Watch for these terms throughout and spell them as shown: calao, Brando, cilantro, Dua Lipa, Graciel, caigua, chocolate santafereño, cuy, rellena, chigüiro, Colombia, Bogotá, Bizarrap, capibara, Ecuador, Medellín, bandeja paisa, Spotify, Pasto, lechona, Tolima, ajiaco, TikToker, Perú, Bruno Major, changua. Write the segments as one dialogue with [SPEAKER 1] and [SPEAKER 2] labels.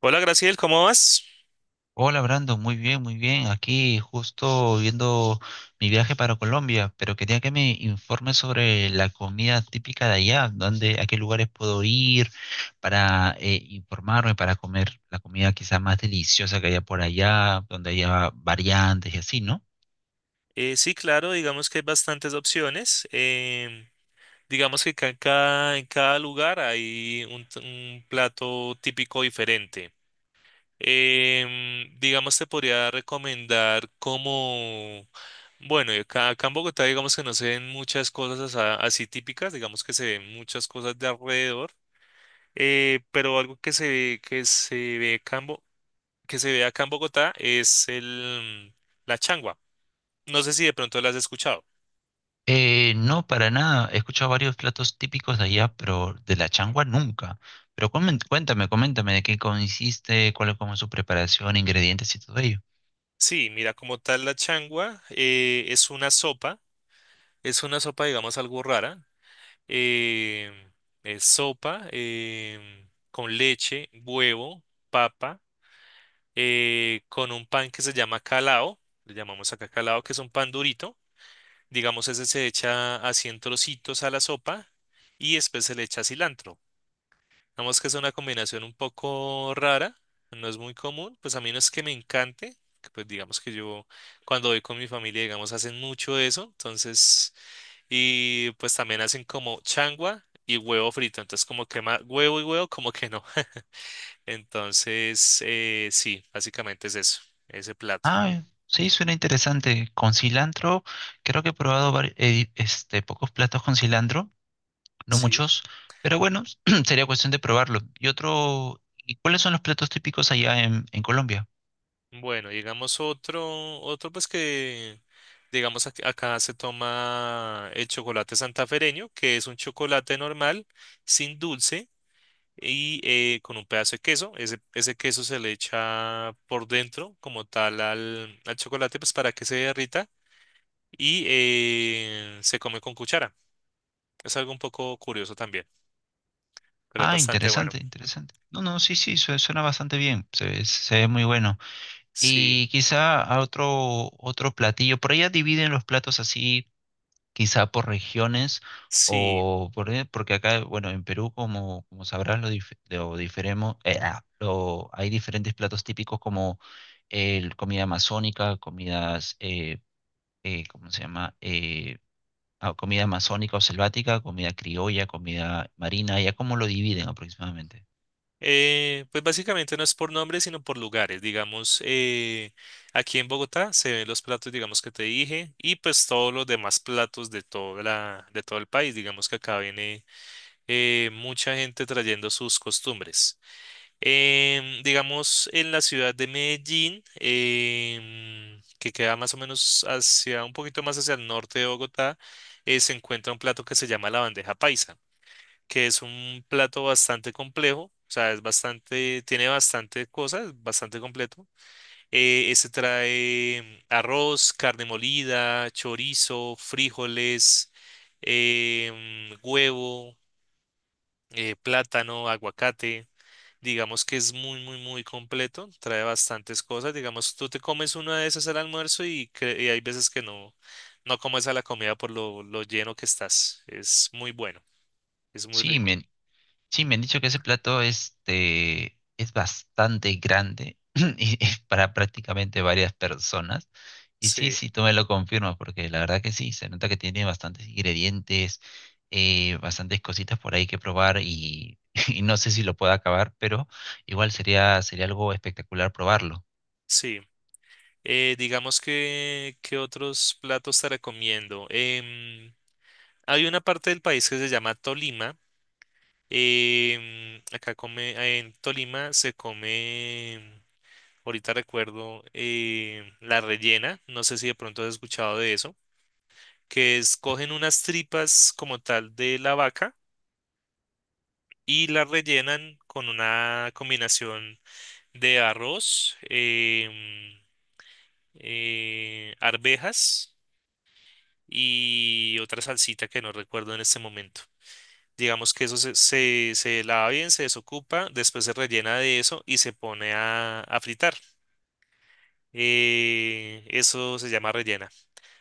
[SPEAKER 1] Hola Graciel, ¿cómo vas?
[SPEAKER 2] Hola Brando, muy bien, muy bien. Aquí justo viendo mi viaje para Colombia, pero quería que me informes sobre la comida típica de allá, dónde, a qué lugares puedo ir para informarme, para comer la comida quizá más deliciosa que haya por allá, donde haya variantes y así, ¿no?
[SPEAKER 1] Sí, claro, digamos que hay bastantes opciones. Digamos que en cada lugar hay un plato típico diferente. Digamos, te podría recomendar bueno, y acá en Bogotá digamos que no se ven muchas cosas así típicas, digamos que se ven muchas cosas de alrededor, pero algo que se ve, que se ve acá en Bogotá es la changua. No sé si de pronto la has escuchado.
[SPEAKER 2] No, para nada. He escuchado varios platos típicos de allá, pero de la changua nunca. Pero cuéntame, coméntame de qué consiste, cuál es como su preparación, ingredientes y todo ello.
[SPEAKER 1] Sí, mira, como tal la changua es una sopa, digamos, algo rara. eh, es sopa con leche, huevo, papa, con un pan que se llama calao, le llamamos acá calao, que es un pan durito. Digamos, ese se echa así en trocitos a la sopa y después se le echa cilantro. Digamos que es una combinación un poco rara, no es muy común, pues a mí no es que me encante, que pues digamos que yo cuando voy con mi familia, digamos, hacen mucho eso, entonces, y pues también hacen como changua y huevo frito, entonces como que huevo y huevo, como que no. Entonces, sí, básicamente es eso, ese plato,
[SPEAKER 2] Ah, sí, suena interesante. Con cilantro, creo que he probado pocos platos con cilantro, no
[SPEAKER 1] ¿sí?
[SPEAKER 2] muchos, pero bueno, sería cuestión de probarlo. Y otro, ¿y cuáles son los platos típicos allá en Colombia?
[SPEAKER 1] Bueno, digamos otro, otro pues que... Digamos, acá se toma el chocolate santafereño, que es un chocolate normal, sin dulce y con un pedazo de queso. Ese queso se le echa por dentro como tal al chocolate, pues para que se derrita y se come con cuchara. Es algo un poco curioso también, pero es
[SPEAKER 2] Ah,
[SPEAKER 1] bastante bueno.
[SPEAKER 2] interesante, interesante. No, no, sí, sí, suena bastante bien, se ve muy bueno.
[SPEAKER 1] Sí,
[SPEAKER 2] Y quizá a otro, otro platillo, por allá dividen los platos así, quizá por regiones
[SPEAKER 1] sí.
[SPEAKER 2] o por, porque acá, bueno, en Perú, como, como sabrás, lo, dif- lo diferemo- ah, lo- hay diferentes platos típicos como el comida amazónica, comidas, ¿cómo se llama? Comida amazónica o selvática, comida criolla, comida marina, ¿ya cómo lo dividen aproximadamente?
[SPEAKER 1] Pues básicamente no es por nombres, sino por lugares. Digamos, aquí en Bogotá se ven los platos, digamos, que te dije, y pues todos los demás platos de toda la, de todo el país. Digamos que acá viene mucha gente trayendo sus costumbres. Digamos, en la ciudad de Medellín, que queda más o menos hacia, un poquito más hacia el norte de Bogotá, se encuentra un plato que se llama la bandeja paisa, que es un plato bastante complejo, o sea, es bastante, tiene bastante cosas, bastante completo. Ese trae arroz, carne molida, chorizo, frijoles, huevo, plátano, aguacate. Digamos que es muy, muy, muy completo, trae bastantes cosas. Digamos, tú te comes una de esas al almuerzo y, y hay veces que no, no comes a la comida por lo lleno que estás. Es muy bueno, es muy
[SPEAKER 2] Sí,
[SPEAKER 1] rico.
[SPEAKER 2] me, Sí, me han dicho que ese plato este, es bastante grande y es para prácticamente varias personas. Y sí,
[SPEAKER 1] Sí,
[SPEAKER 2] sí, tú me lo confirmas, porque la verdad que sí, se nota que tiene bastantes ingredientes, bastantes cositas por ahí que probar y, y no sé si lo pueda acabar, pero igual sería, sería algo espectacular probarlo.
[SPEAKER 1] sí. Digamos que, ¿qué otros platos te recomiendo? Hay una parte del país que se llama Tolima. Acá come, en Tolima se come, ahorita recuerdo, la rellena. No sé si de pronto has escuchado de eso, que es cogen unas tripas como tal de la vaca y la rellenan con una combinación de arroz, arvejas y otra salsita que no recuerdo en este momento. Digamos que eso se lava bien, se desocupa, después se rellena de eso y se pone a fritar. Eso se llama rellena.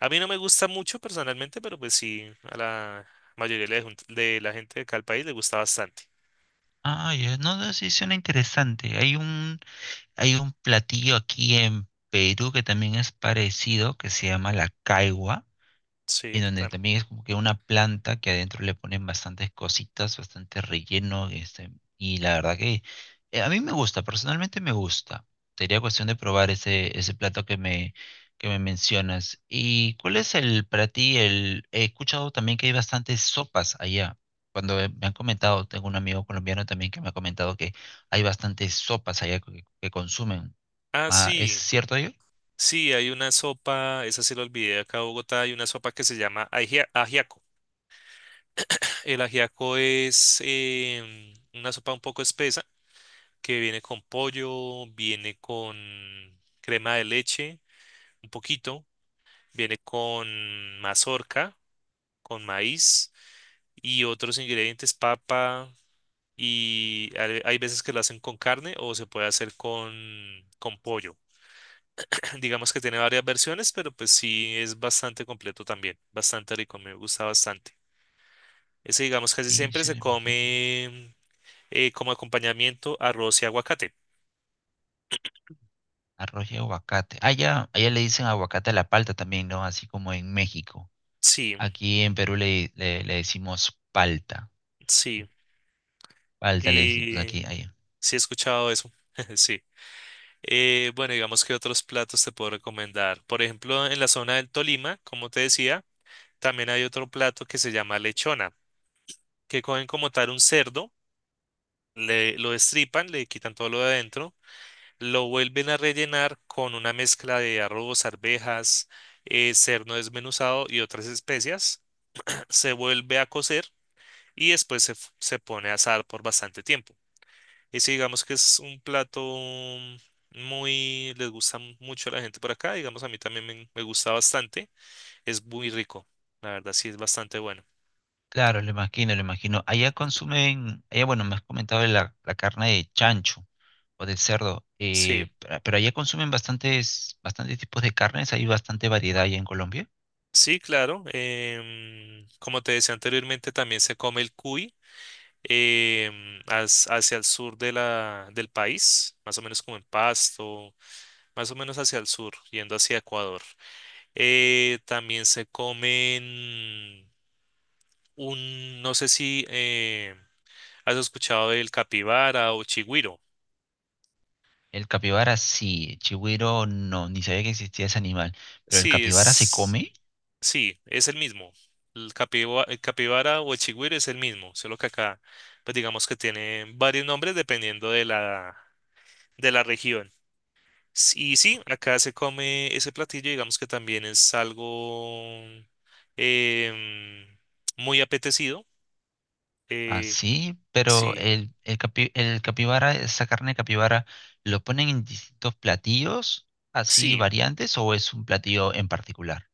[SPEAKER 1] A mí no me gusta mucho personalmente, pero pues sí, a la mayoría de la, de la gente de acá del país le gusta bastante.
[SPEAKER 2] Ah, ya, no, no, sí, suena interesante. Hay un platillo aquí en Perú que también es parecido, que se llama la caigua,
[SPEAKER 1] Sí.
[SPEAKER 2] en donde también es como que una planta que adentro le ponen bastantes cositas, bastante relleno, este, y la verdad que a mí me gusta, personalmente me gusta. Sería cuestión de probar ese plato que me mencionas. ¿Y cuál es el para ti? El, he escuchado también que hay bastantes sopas allá. Cuando me han comentado, tengo un amigo colombiano también que me ha comentado que hay bastantes sopas allá que consumen.
[SPEAKER 1] Ah,
[SPEAKER 2] Ah, ¿es
[SPEAKER 1] sí.
[SPEAKER 2] cierto ello?
[SPEAKER 1] Sí, hay una sopa, esa sí la olvidé acá en Bogotá, hay una sopa que se llama ajiaco. El ajiaco es una sopa un poco espesa que viene con pollo, viene con crema de leche, un poquito, viene con mazorca, con maíz y otros ingredientes, papa, y hay veces que lo hacen con carne o se puede hacer con pollo. Digamos que tiene varias versiones, pero pues sí es bastante completo también, bastante rico, me gusta bastante. Ese digamos casi
[SPEAKER 2] Sí,
[SPEAKER 1] siempre
[SPEAKER 2] se
[SPEAKER 1] se
[SPEAKER 2] lo imagino.
[SPEAKER 1] come como acompañamiento arroz y aguacate.
[SPEAKER 2] Arroz y aguacate. Allá, allá le dicen aguacate a la palta también, ¿no? Así como en México.
[SPEAKER 1] Sí,
[SPEAKER 2] Aquí en Perú le decimos palta.
[SPEAKER 1] sí.
[SPEAKER 2] Palta le decimos
[SPEAKER 1] y
[SPEAKER 2] aquí, allá.
[SPEAKER 1] Sí, he escuchado eso. Sí. Bueno, digamos que otros platos te puedo recomendar. Por ejemplo, en la zona del Tolima, como te decía, también hay otro plato que se llama lechona, que cogen como tal un cerdo, lo destripan, le quitan todo lo de adentro, lo vuelven a rellenar con una mezcla de arroz, arvejas, cerdo desmenuzado y otras especias. Se vuelve a cocer y después se pone a asar por bastante tiempo. Y si digamos que es un plato muy, les gusta mucho a la gente por acá, digamos a mí también me gusta bastante, es muy rico, la verdad sí es bastante bueno.
[SPEAKER 2] Claro, lo imagino, lo imagino. Allá consumen, allá, bueno, me has comentado de la carne de chancho o de cerdo,
[SPEAKER 1] Sí,
[SPEAKER 2] pero allá consumen bastantes, bastantes tipos de carnes, hay bastante variedad allá en Colombia.
[SPEAKER 1] sí, claro, como te decía anteriormente, también se come el cuy hacia el sur de la, del país, más o menos como en Pasto, más o menos hacia el sur, yendo hacia Ecuador. También se comen un, no sé si... ¿Has escuchado del capibara o chigüiro?
[SPEAKER 2] El capibara sí, el chigüiro no, ni sabía que existía ese animal, pero el
[SPEAKER 1] Sí,
[SPEAKER 2] capibara se
[SPEAKER 1] es,
[SPEAKER 2] come.
[SPEAKER 1] sí, es el mismo. El el capibara o el chigüiro es el mismo, solo que acá, pues digamos que tiene varios nombres dependiendo de la región. Y sí, acá se come ese platillo, digamos que también es algo em, muy apetecido. Eh,
[SPEAKER 2] Así, pero
[SPEAKER 1] sí,
[SPEAKER 2] el capibara, esa carne de capibara, ¿lo ponen en distintos platillos, así
[SPEAKER 1] sí,
[SPEAKER 2] variantes, o es un platillo en particular?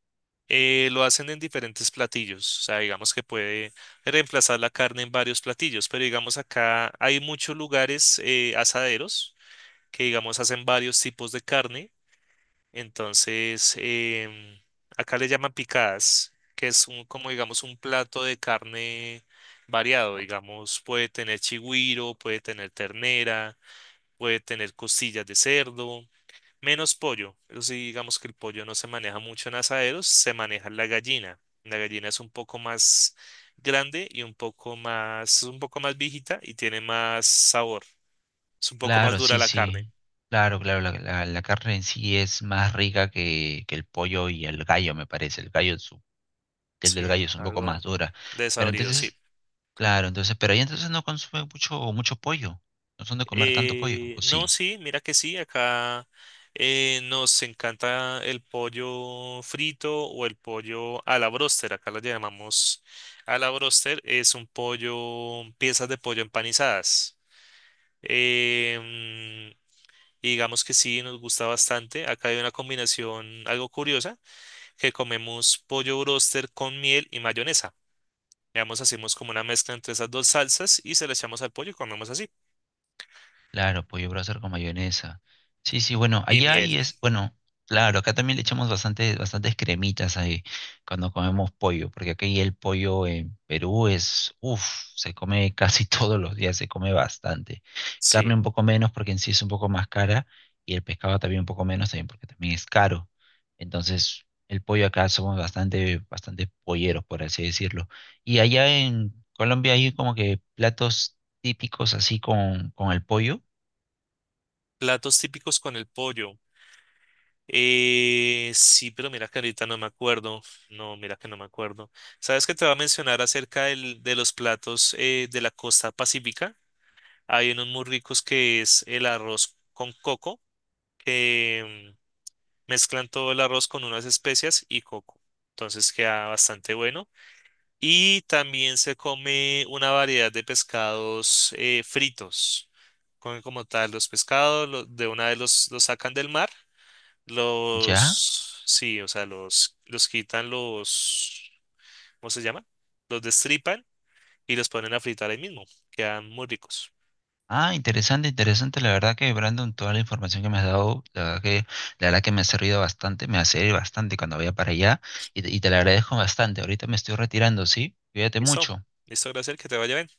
[SPEAKER 1] lo hacen en diferentes platillos, o sea, digamos que puede reemplazar la carne en varios platillos, pero digamos acá hay muchos lugares asaderos que digamos hacen varios tipos de carne, entonces em, acá le llaman picadas, que es un, como digamos un plato de carne variado, digamos, puede tener chigüiro, puede tener ternera, puede tener costillas de cerdo. Menos pollo. Eso sí, digamos que el pollo no se maneja mucho en asaderos, se maneja la gallina. La gallina es un poco más grande y un poco más viejita y tiene más sabor. Es un poco más
[SPEAKER 2] Claro,
[SPEAKER 1] dura
[SPEAKER 2] sí,
[SPEAKER 1] la carne.
[SPEAKER 2] sí. Claro, claro, la carne en sí es más rica que el pollo y el gallo, me parece. El
[SPEAKER 1] Sí,
[SPEAKER 2] del gallo es un poco más
[SPEAKER 1] algo
[SPEAKER 2] dura. Pero
[SPEAKER 1] desabrido, sí.
[SPEAKER 2] entonces, claro, entonces, pero ahí entonces no consumen mucho, mucho pollo. No son de comer tanto pollo, ¿o
[SPEAKER 1] No,
[SPEAKER 2] sí?
[SPEAKER 1] sí, mira que sí, acá nos encanta el pollo frito o el pollo a la bróster. Acá lo llamamos a la bróster, es un pollo, piezas de pollo empanizadas. Em, y digamos que sí, nos gusta bastante. Acá hay una combinación algo curiosa, que comemos pollo broster con miel y mayonesa. Digamos, hacemos como una mezcla entre esas dos salsas y se la echamos al pollo y comemos así.
[SPEAKER 2] Claro, pollo brasar con mayonesa. Sí, sí, bueno,
[SPEAKER 1] Y
[SPEAKER 2] allá ahí
[SPEAKER 1] miel,
[SPEAKER 2] es, bueno, claro, acá también le echamos bastante, bastantes cremitas ahí cuando comemos pollo, porque aquí el pollo en Perú es, uff, se come casi todos los días, se come bastante. Carne
[SPEAKER 1] sí.
[SPEAKER 2] un poco menos porque en sí es un poco más cara y el pescado también un poco menos también porque también es caro. Entonces, el pollo acá somos bastante, bastante polleros, por así decirlo. Y allá en Colombia hay como que platos típicos así con el pollo.
[SPEAKER 1] Platos típicos con el pollo. Sí, pero mira que ahorita no me acuerdo. No, mira que no me acuerdo. ¿Sabes que te va a mencionar acerca de los platos de la costa pacífica? Hay unos muy ricos que es el arroz con coco, que mezclan todo el arroz con unas especias y coco. Entonces queda bastante bueno. Y también se come una variedad de pescados fritos. Comen como tal los pescados, de una vez los sacan del mar,
[SPEAKER 2] ¿Ya?
[SPEAKER 1] sí, o sea, los quitan, ¿cómo se llama? Los destripan y los ponen a fritar ahí mismo. Quedan muy ricos.
[SPEAKER 2] Ah, interesante, interesante. La verdad que, Brandon, toda la información que me has dado, la verdad que me ha servido bastante, me va a servir bastante cuando vaya para allá y te la agradezco bastante. Ahorita me estoy retirando, ¿sí? Cuídate
[SPEAKER 1] Listo,
[SPEAKER 2] mucho.
[SPEAKER 1] listo, gracias, que te vaya bien.